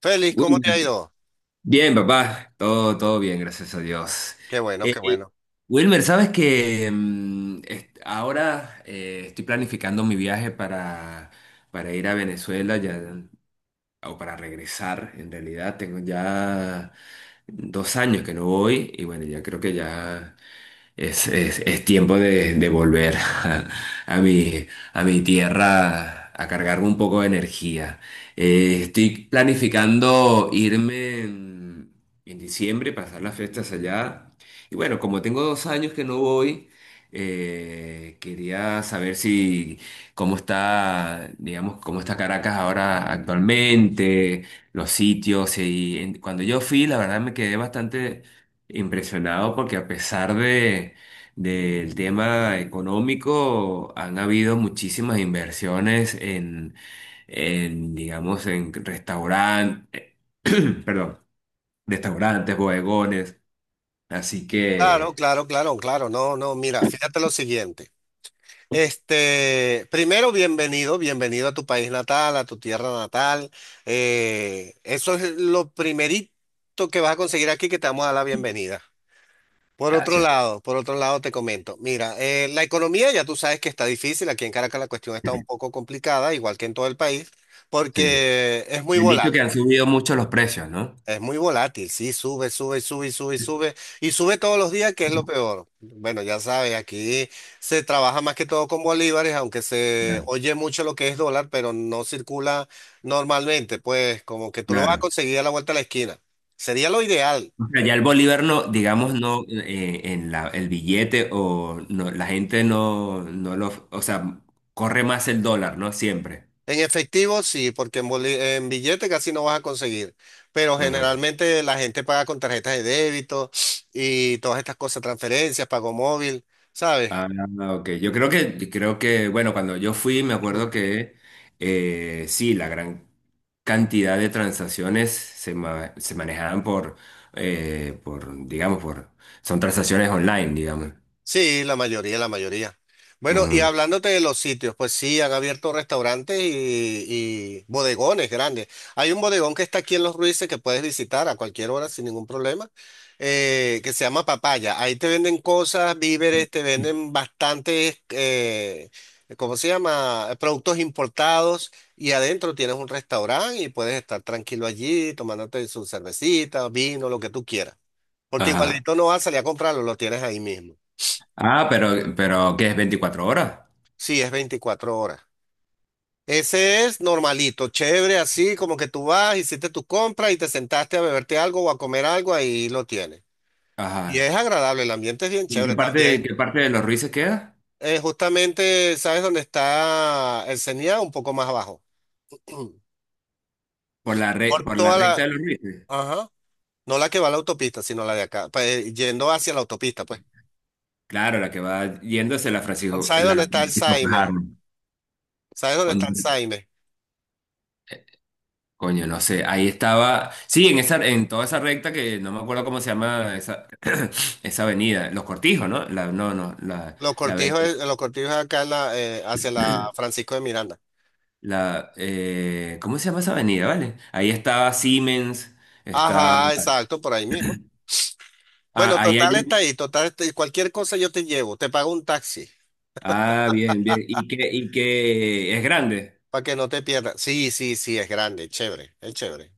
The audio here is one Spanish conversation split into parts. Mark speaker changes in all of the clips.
Speaker 1: Félix, ¿cómo
Speaker 2: Wilmer,
Speaker 1: te ha ido?
Speaker 2: bien, papá, todo, todo bien, gracias a Dios.
Speaker 1: Qué bueno,
Speaker 2: Eh,
Speaker 1: qué
Speaker 2: eh,
Speaker 1: bueno.
Speaker 2: Wilmer, sabes que ahora estoy planificando mi viaje para ir a Venezuela ya, o para regresar. En realidad, tengo ya 2 años que no voy y bueno, ya creo que ya. Es tiempo de volver a mi, a mi tierra a cargarme un poco de energía. Estoy planificando irme en diciembre, pasar las fiestas allá. Y bueno, como tengo 2 años que no voy, quería saber si cómo está, digamos, cómo está Caracas ahora actualmente, los sitios. Cuando yo fui, la verdad me quedé bastante impresionado porque a pesar de, del tema económico, han habido muchísimas inversiones en, digamos, en restaurantes, perdón, restaurantes, bodegones. Así
Speaker 1: Claro,
Speaker 2: que,
Speaker 1: claro, claro, claro. No, no, mira, fíjate lo siguiente. Este, primero, bienvenido, bienvenido a tu país natal, a tu tierra natal. Eso es lo primerito que vas a conseguir aquí, que te vamos a dar la bienvenida.
Speaker 2: gracias.
Speaker 1: Por otro lado te comento, mira, la economía ya tú sabes que está difícil, aquí en Caracas la cuestión está un poco complicada, igual que en todo el país,
Speaker 2: Sí.
Speaker 1: porque es muy
Speaker 2: Me han dicho
Speaker 1: volátil.
Speaker 2: que han subido mucho los precios, ¿no?
Speaker 1: Es muy volátil, sí, sube, sube, sube, sube, sube, y sube todos los días, que es lo peor. Bueno, ya sabes, aquí se trabaja más que todo con bolívares, aunque se
Speaker 2: Claro.
Speaker 1: oye mucho lo que es dólar, pero no circula normalmente, pues como que tú lo vas a
Speaker 2: Claro.
Speaker 1: conseguir a la vuelta de la esquina. Sería lo ideal.
Speaker 2: O sea, ya el bolívar no, digamos,
Speaker 1: Ah.
Speaker 2: no, en la, el billete o no, la gente no, no lo, o sea, corre más el dólar, ¿no? Siempre.
Speaker 1: En efectivo, sí, porque en billete casi no vas a conseguir, pero
Speaker 2: Ajá.
Speaker 1: generalmente la gente paga con tarjetas de débito y todas estas cosas, transferencias, pago móvil, ¿sabes?
Speaker 2: Ah, ok. Yo creo que, bueno, cuando yo fui, me acuerdo que sí, la gran cantidad de transacciones se, se manejaban por, digamos, por, son transacciones online, digamos.
Speaker 1: Sí, la mayoría, la mayoría. Bueno, y
Speaker 2: Ujú.
Speaker 1: hablándote de los sitios, pues sí, han abierto restaurantes y bodegones grandes. Hay un bodegón que está aquí en Los Ruices que puedes visitar a cualquier hora sin ningún problema, que se llama Papaya. Ahí te venden cosas, víveres, te venden bastantes, ¿cómo se llama? Productos importados y adentro tienes un restaurante y puedes estar tranquilo allí tomándote su cervecita, vino, lo que tú quieras. Porque
Speaker 2: Ajá.
Speaker 1: igualito no vas a salir a comprarlo, lo tienes ahí mismo.
Speaker 2: Ah, pero, ¿qué es 24 horas?
Speaker 1: Sí, es 24 horas. Ese es normalito, chévere, así como que tú vas, hiciste tu compra y te sentaste a beberte algo o a comer algo, ahí lo tienes. Y es
Speaker 2: Ajá.
Speaker 1: agradable, el ambiente es bien
Speaker 2: ¿Y
Speaker 1: chévere
Speaker 2: en
Speaker 1: también.
Speaker 2: qué parte de los Ruices queda?
Speaker 1: Justamente, ¿sabes dónde está el CENIA? Un poco más abajo.
Speaker 2: Por la,
Speaker 1: Por
Speaker 2: por la
Speaker 1: toda
Speaker 2: recta de
Speaker 1: la...
Speaker 2: los Ruices.
Speaker 1: Ajá. No la que va a la autopista, sino la de acá, pues, yendo hacia la autopista, pues.
Speaker 2: Claro, la que va yéndose
Speaker 1: ¿Sabes
Speaker 2: la
Speaker 1: dónde está el
Speaker 2: Francisco
Speaker 1: Saime?
Speaker 2: Fajardo.
Speaker 1: ¿Sabes dónde está el
Speaker 2: Cuando,
Speaker 1: Saime?
Speaker 2: coño, no sé. Ahí estaba. Sí, en esa, en toda esa recta que no me acuerdo cómo se llama esa, esa avenida. Los Cortijos, ¿no? La, no, no, la, la avenida.
Speaker 1: Los cortijos es acá en la hacia la Francisco de Miranda.
Speaker 2: La, ¿cómo se llama esa avenida, vale? Ahí estaba Siemens, está.
Speaker 1: Ajá, exacto, por ahí mismo. Bueno,
Speaker 2: Ah, ahí hay
Speaker 1: total está
Speaker 2: un.
Speaker 1: ahí, total está ahí. Cualquier cosa yo te llevo, te pago un taxi
Speaker 2: Ah, bien, bien. Y que es grande.
Speaker 1: para que no te pierdas. Sí, sí, sí, es grande, es chévere, es chévere.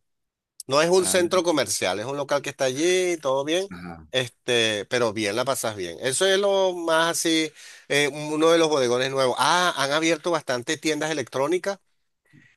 Speaker 1: No es un
Speaker 2: Ah,
Speaker 1: centro comercial, es un local que está allí, todo bien,
Speaker 2: ajá.
Speaker 1: este, pero bien, la pasas bien. Eso es lo más así, uno de los bodegones nuevos. Ah, han abierto bastantes tiendas electrónicas.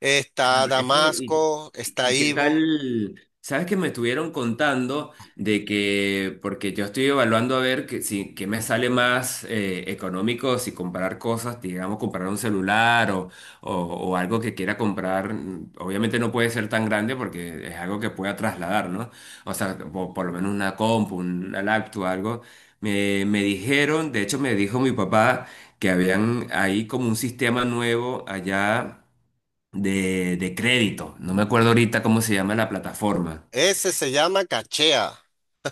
Speaker 1: Está
Speaker 2: Ese- y,
Speaker 1: Damasco, está
Speaker 2: y qué
Speaker 1: Ivo.
Speaker 2: tal? ¿Sabes que me estuvieron contando de que, porque yo estoy evaluando a ver que, si, que me sale más económico si comprar cosas, digamos, comprar un celular o algo que quiera comprar? Obviamente no puede ser tan grande porque es algo que pueda trasladar, ¿no? O sea, por, lo menos una compu, una laptop, algo. Me dijeron, de hecho me dijo mi papá que habían ahí como un sistema nuevo allá de crédito. No me acuerdo ahorita cómo se llama la plataforma.
Speaker 1: Ese se llama Cachea.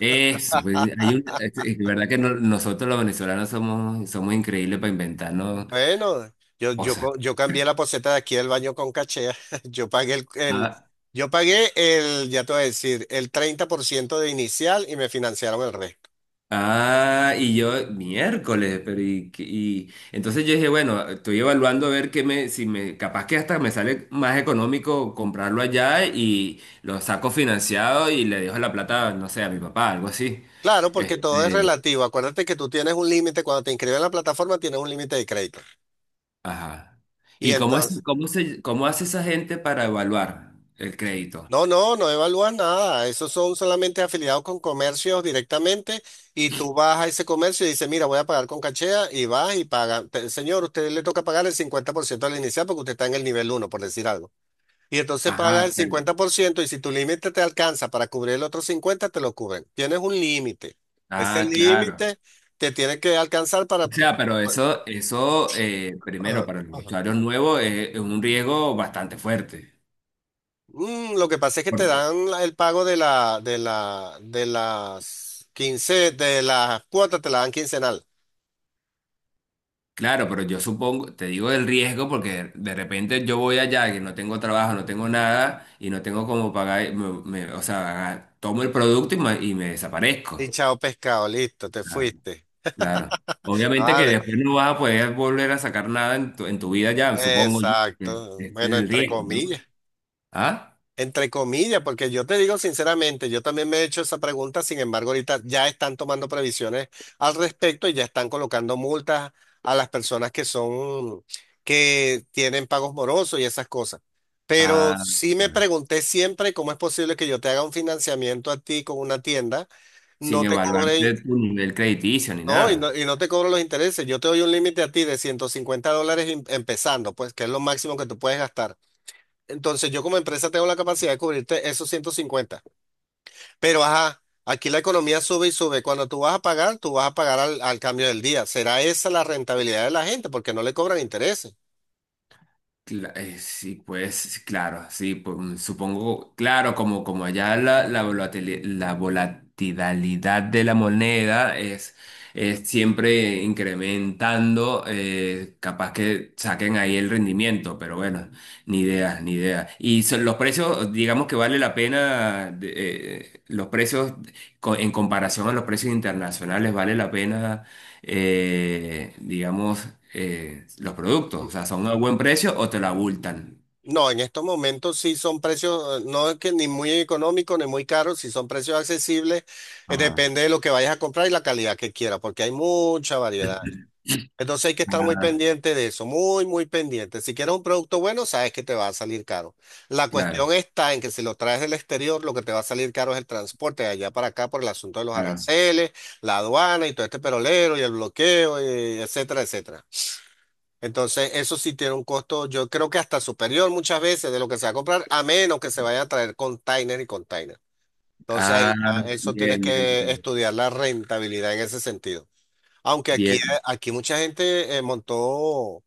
Speaker 2: Es, pues, es de verdad que nosotros los venezolanos somos, somos increíbles para inventarnos
Speaker 1: Bueno,
Speaker 2: cosas.
Speaker 1: yo cambié la poceta de aquí del baño con cachea. Yo pagué el, el-
Speaker 2: Ah,
Speaker 1: yo pagué el, ya te voy a decir, el 30% de inicial y me financiaron el resto.
Speaker 2: ah, y yo, miércoles, pero y, y entonces yo dije, bueno, estoy evaluando a ver qué me, si me, capaz que hasta me sale más económico comprarlo allá y lo saco financiado y le dejo la plata, no sé, a mi papá, algo así.
Speaker 1: Claro, porque todo es
Speaker 2: Este,
Speaker 1: relativo. Acuérdate que tú tienes un límite, cuando te inscribes en la plataforma tienes un límite de crédito.
Speaker 2: ajá.
Speaker 1: Y
Speaker 2: ¿Y cómo es,
Speaker 1: entonces,
Speaker 2: cómo se, cómo hace esa gente para evaluar el crédito?
Speaker 1: no, no, no evalúas nada. Esos son solamente afiliados con comercios directamente y tú vas a ese comercio y dices, mira, voy a pagar con cachea y vas y pagas. Señor, usted le toca pagar el 50% del inicial porque usted está en el nivel uno por decir algo. Y entonces pagas el
Speaker 2: Ajá, pero,
Speaker 1: 50% y si tu límite te alcanza para cubrir el otro 50 te lo cubren. Tienes un límite. Ese
Speaker 2: ah, claro.
Speaker 1: límite te tiene que alcanzar para...
Speaker 2: O sea, pero eso primero
Speaker 1: Ajá,
Speaker 2: para los
Speaker 1: ajá.
Speaker 2: usuarios nuevos es un riesgo bastante fuerte.
Speaker 1: Lo que pasa es que te
Speaker 2: Porque,
Speaker 1: dan el pago de de las 15 de las cuotas te la dan quincenal.
Speaker 2: claro, pero yo supongo, te digo el riesgo porque de repente yo voy allá que no tengo trabajo, no tengo nada y no tengo cómo pagar, o sea, tomo el producto y me desaparezco.
Speaker 1: Y chao pescado, listo, te
Speaker 2: Ah,
Speaker 1: fuiste.
Speaker 2: claro. Obviamente que
Speaker 1: Vale,
Speaker 2: después no vas a poder volver a sacar nada en tu, en tu vida ya, supongo yo, que
Speaker 1: exacto.
Speaker 2: este es
Speaker 1: Bueno,
Speaker 2: el
Speaker 1: entre
Speaker 2: riesgo, ¿no?
Speaker 1: comillas.
Speaker 2: ¿Ah?
Speaker 1: Entre comillas, porque yo te digo sinceramente, yo también me he hecho esa pregunta, sin embargo, ahorita ya están tomando previsiones al respecto y ya están colocando multas a las personas que son, que tienen pagos morosos y esas cosas. Pero
Speaker 2: Ah,
Speaker 1: sí me
Speaker 2: claro.
Speaker 1: pregunté siempre cómo es posible que yo te haga un financiamiento a ti con una tienda,
Speaker 2: Sin
Speaker 1: no te
Speaker 2: evaluarte
Speaker 1: cobre,
Speaker 2: tu nivel crediticio ni
Speaker 1: no, y
Speaker 2: nada.
Speaker 1: no, y no te cobro los intereses. Yo te doy un límite a ti de $150 empezando, pues, que es lo máximo que tú puedes gastar. Entonces yo como empresa tengo la capacidad de cubrirte esos 150. Pero ajá, aquí la economía sube y sube. Cuando tú vas a pagar, tú vas a pagar al cambio del día. ¿Será esa la rentabilidad de la gente? Porque no le cobran intereses.
Speaker 2: Sí, pues sí, claro, sí, pues, supongo, claro, como, como allá la, la volatilidad de la moneda es siempre incrementando, capaz que saquen ahí el rendimiento, pero bueno, ni idea, ni idea. Y son los precios, digamos que vale la pena, de, los precios en comparación a los precios internacionales, vale la pena digamos, los productos. O
Speaker 1: Mm.
Speaker 2: sea, son a buen precio o te lo abultan.
Speaker 1: No, en estos momentos sí son precios, no es que ni muy económicos ni muy caros, sí son precios accesibles.
Speaker 2: Ajá.
Speaker 1: Depende de lo que vayas a comprar y la calidad que quieras, porque hay mucha variedad. Entonces hay que estar muy
Speaker 2: Ah,
Speaker 1: pendiente de eso, muy, muy pendiente. Si quieres un producto bueno, sabes que te va a salir caro. La
Speaker 2: claro,
Speaker 1: cuestión está en que si lo traes del exterior, lo que te va a salir caro es el transporte de allá para acá por el asunto de los
Speaker 2: claro.
Speaker 1: aranceles, la aduana y todo este perolero y el bloqueo, y etcétera, etcétera. Entonces eso sí tiene un costo, yo creo que hasta superior muchas veces de lo que se va a comprar, a menos que se vaya a traer container y container.
Speaker 2: Ah,
Speaker 1: Eso
Speaker 2: bien,
Speaker 1: tienes
Speaker 2: bien,
Speaker 1: que
Speaker 2: bien.
Speaker 1: estudiar la rentabilidad en ese sentido. Aunque aquí,
Speaker 2: Bien.
Speaker 1: aquí mucha gente montó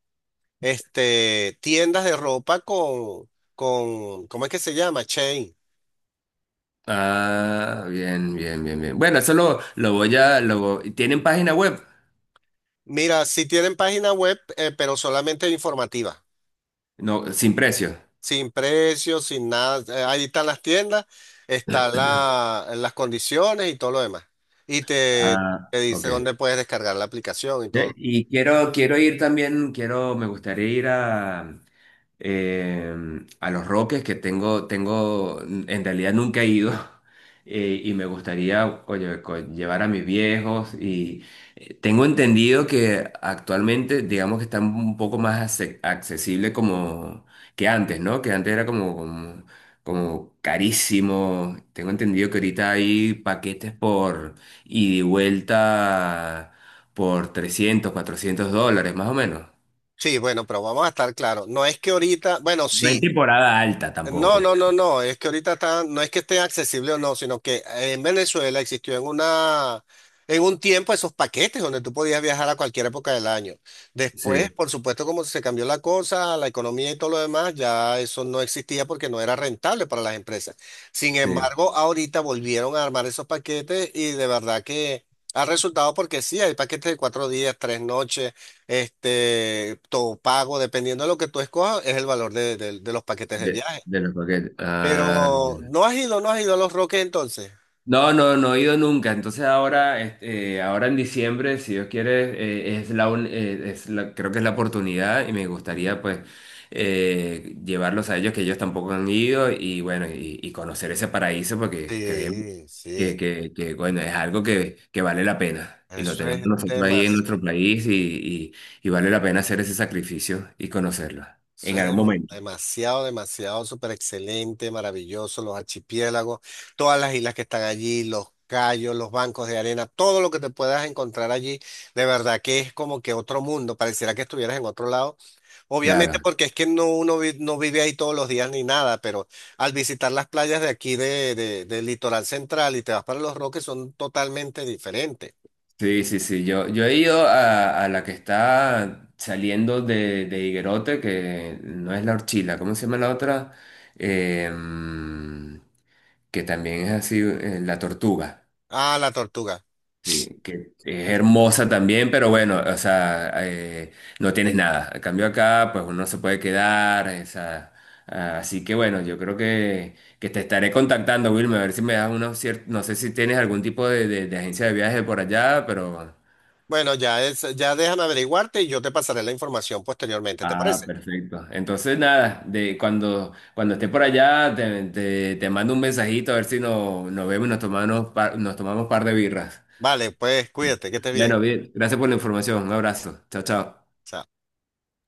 Speaker 1: este, tiendas de ropa con, ¿cómo es que se llama? Chain.
Speaker 2: Ah, bien, bien, bien, bien. Bueno, eso lo voy a... lo, ¿tienen página web?
Speaker 1: Mira, sí tienen página web, pero solamente informativa,
Speaker 2: No, sin precio.
Speaker 1: sin precios, sin nada. Ahí están las tiendas, están las condiciones y todo lo demás. Y te,
Speaker 2: Ah,
Speaker 1: te dice
Speaker 2: ok.
Speaker 1: dónde puedes descargar la aplicación y todo.
Speaker 2: Ya,
Speaker 1: Lo-
Speaker 2: y quiero, quiero ir también, quiero, me gustaría ir eh, a Los Roques, que tengo, tengo, en realidad nunca he ido, y me gustaría, oye, llevar a mis viejos, y tengo entendido que actualmente, digamos que están un poco más accesible como que antes, ¿no? Que antes era como, como, como carísimo, tengo entendido que ahorita hay paquetes por ida y vuelta por $300 $400, más o menos.
Speaker 1: Sí, bueno, pero vamos a estar claros. No es que ahorita, bueno,
Speaker 2: No
Speaker 1: sí.
Speaker 2: en temporada alta
Speaker 1: No, no,
Speaker 2: tampoco.
Speaker 1: no, no, es que ahorita está, no es que esté accesible o no, sino que en Venezuela existió en un tiempo esos paquetes donde tú podías viajar a cualquier época del año. Después,
Speaker 2: Sí,
Speaker 1: por supuesto, como se cambió la cosa, la economía y todo lo demás, ya eso no existía porque no era rentable para las empresas. Sin
Speaker 2: sí,
Speaker 1: embargo, ahorita volvieron a armar esos paquetes y de verdad que ha resultado porque sí, hay paquetes de 4 días, 3 noches, este, todo pago, dependiendo de lo que tú escojas, es el valor de de los paquetes de viaje.
Speaker 2: de los paquetes. Ah,
Speaker 1: Pero no has ido, no has ido a Los Roques entonces.
Speaker 2: no, no, no he ido nunca. Entonces ahora, este, ahora en diciembre, si Dios quiere, es la, un- es la- creo que es la oportunidad y me gustaría pues llevarlos a ellos que ellos tampoco han ido y bueno, y conocer ese paraíso porque creemos
Speaker 1: Sí, sí.
Speaker 2: que, bueno, es algo que vale la pena. Y lo
Speaker 1: Eso es
Speaker 2: tenemos nosotros ahí en nuestro
Speaker 1: demasiado,
Speaker 2: país y vale la pena hacer ese sacrificio y conocerlo en algún momento.
Speaker 1: demasiado, demasiado, súper excelente, maravilloso. Los archipiélagos, todas las islas que están allí, los cayos, los bancos de arena, todo lo que te puedas encontrar allí, de verdad que es como que otro mundo. Pareciera que estuvieras en otro lado. Obviamente
Speaker 2: Claro.
Speaker 1: porque es que no vive ahí todos los días ni nada, pero al visitar las playas de aquí del litoral central y te vas para Los Roques son totalmente diferentes.
Speaker 2: Sí, sí, sí. Yo he ido a la que está saliendo de Higuerote, que no es la Orchila, ¿cómo se llama la otra? Em, que también es así, la Tortuga.
Speaker 1: Ah, la tortuga.
Speaker 2: Sí, que es
Speaker 1: No.
Speaker 2: hermosa también, pero bueno, o sea, no tienes nada. En cambio acá, pues uno se puede quedar, o sea, ah, así que bueno, yo creo que te estaré contactando, Wilmer, a ver si me das unos ciertos, no sé si tienes algún tipo de agencia de viaje por allá, pero...
Speaker 1: Bueno, ya es, ya déjame averiguarte y yo te pasaré la información posteriormente, ¿te
Speaker 2: Ah,
Speaker 1: parece?
Speaker 2: perfecto. Entonces, nada, de cuando, cuando esté por allá, te mando un mensajito a ver si nos vemos y nos tomamos, nos tomamos un par de birras.
Speaker 1: Vale, pues cuídate, que estés bien.
Speaker 2: Bueno, bien, gracias por la información. Un abrazo. Chao, chao.
Speaker 1: Chao.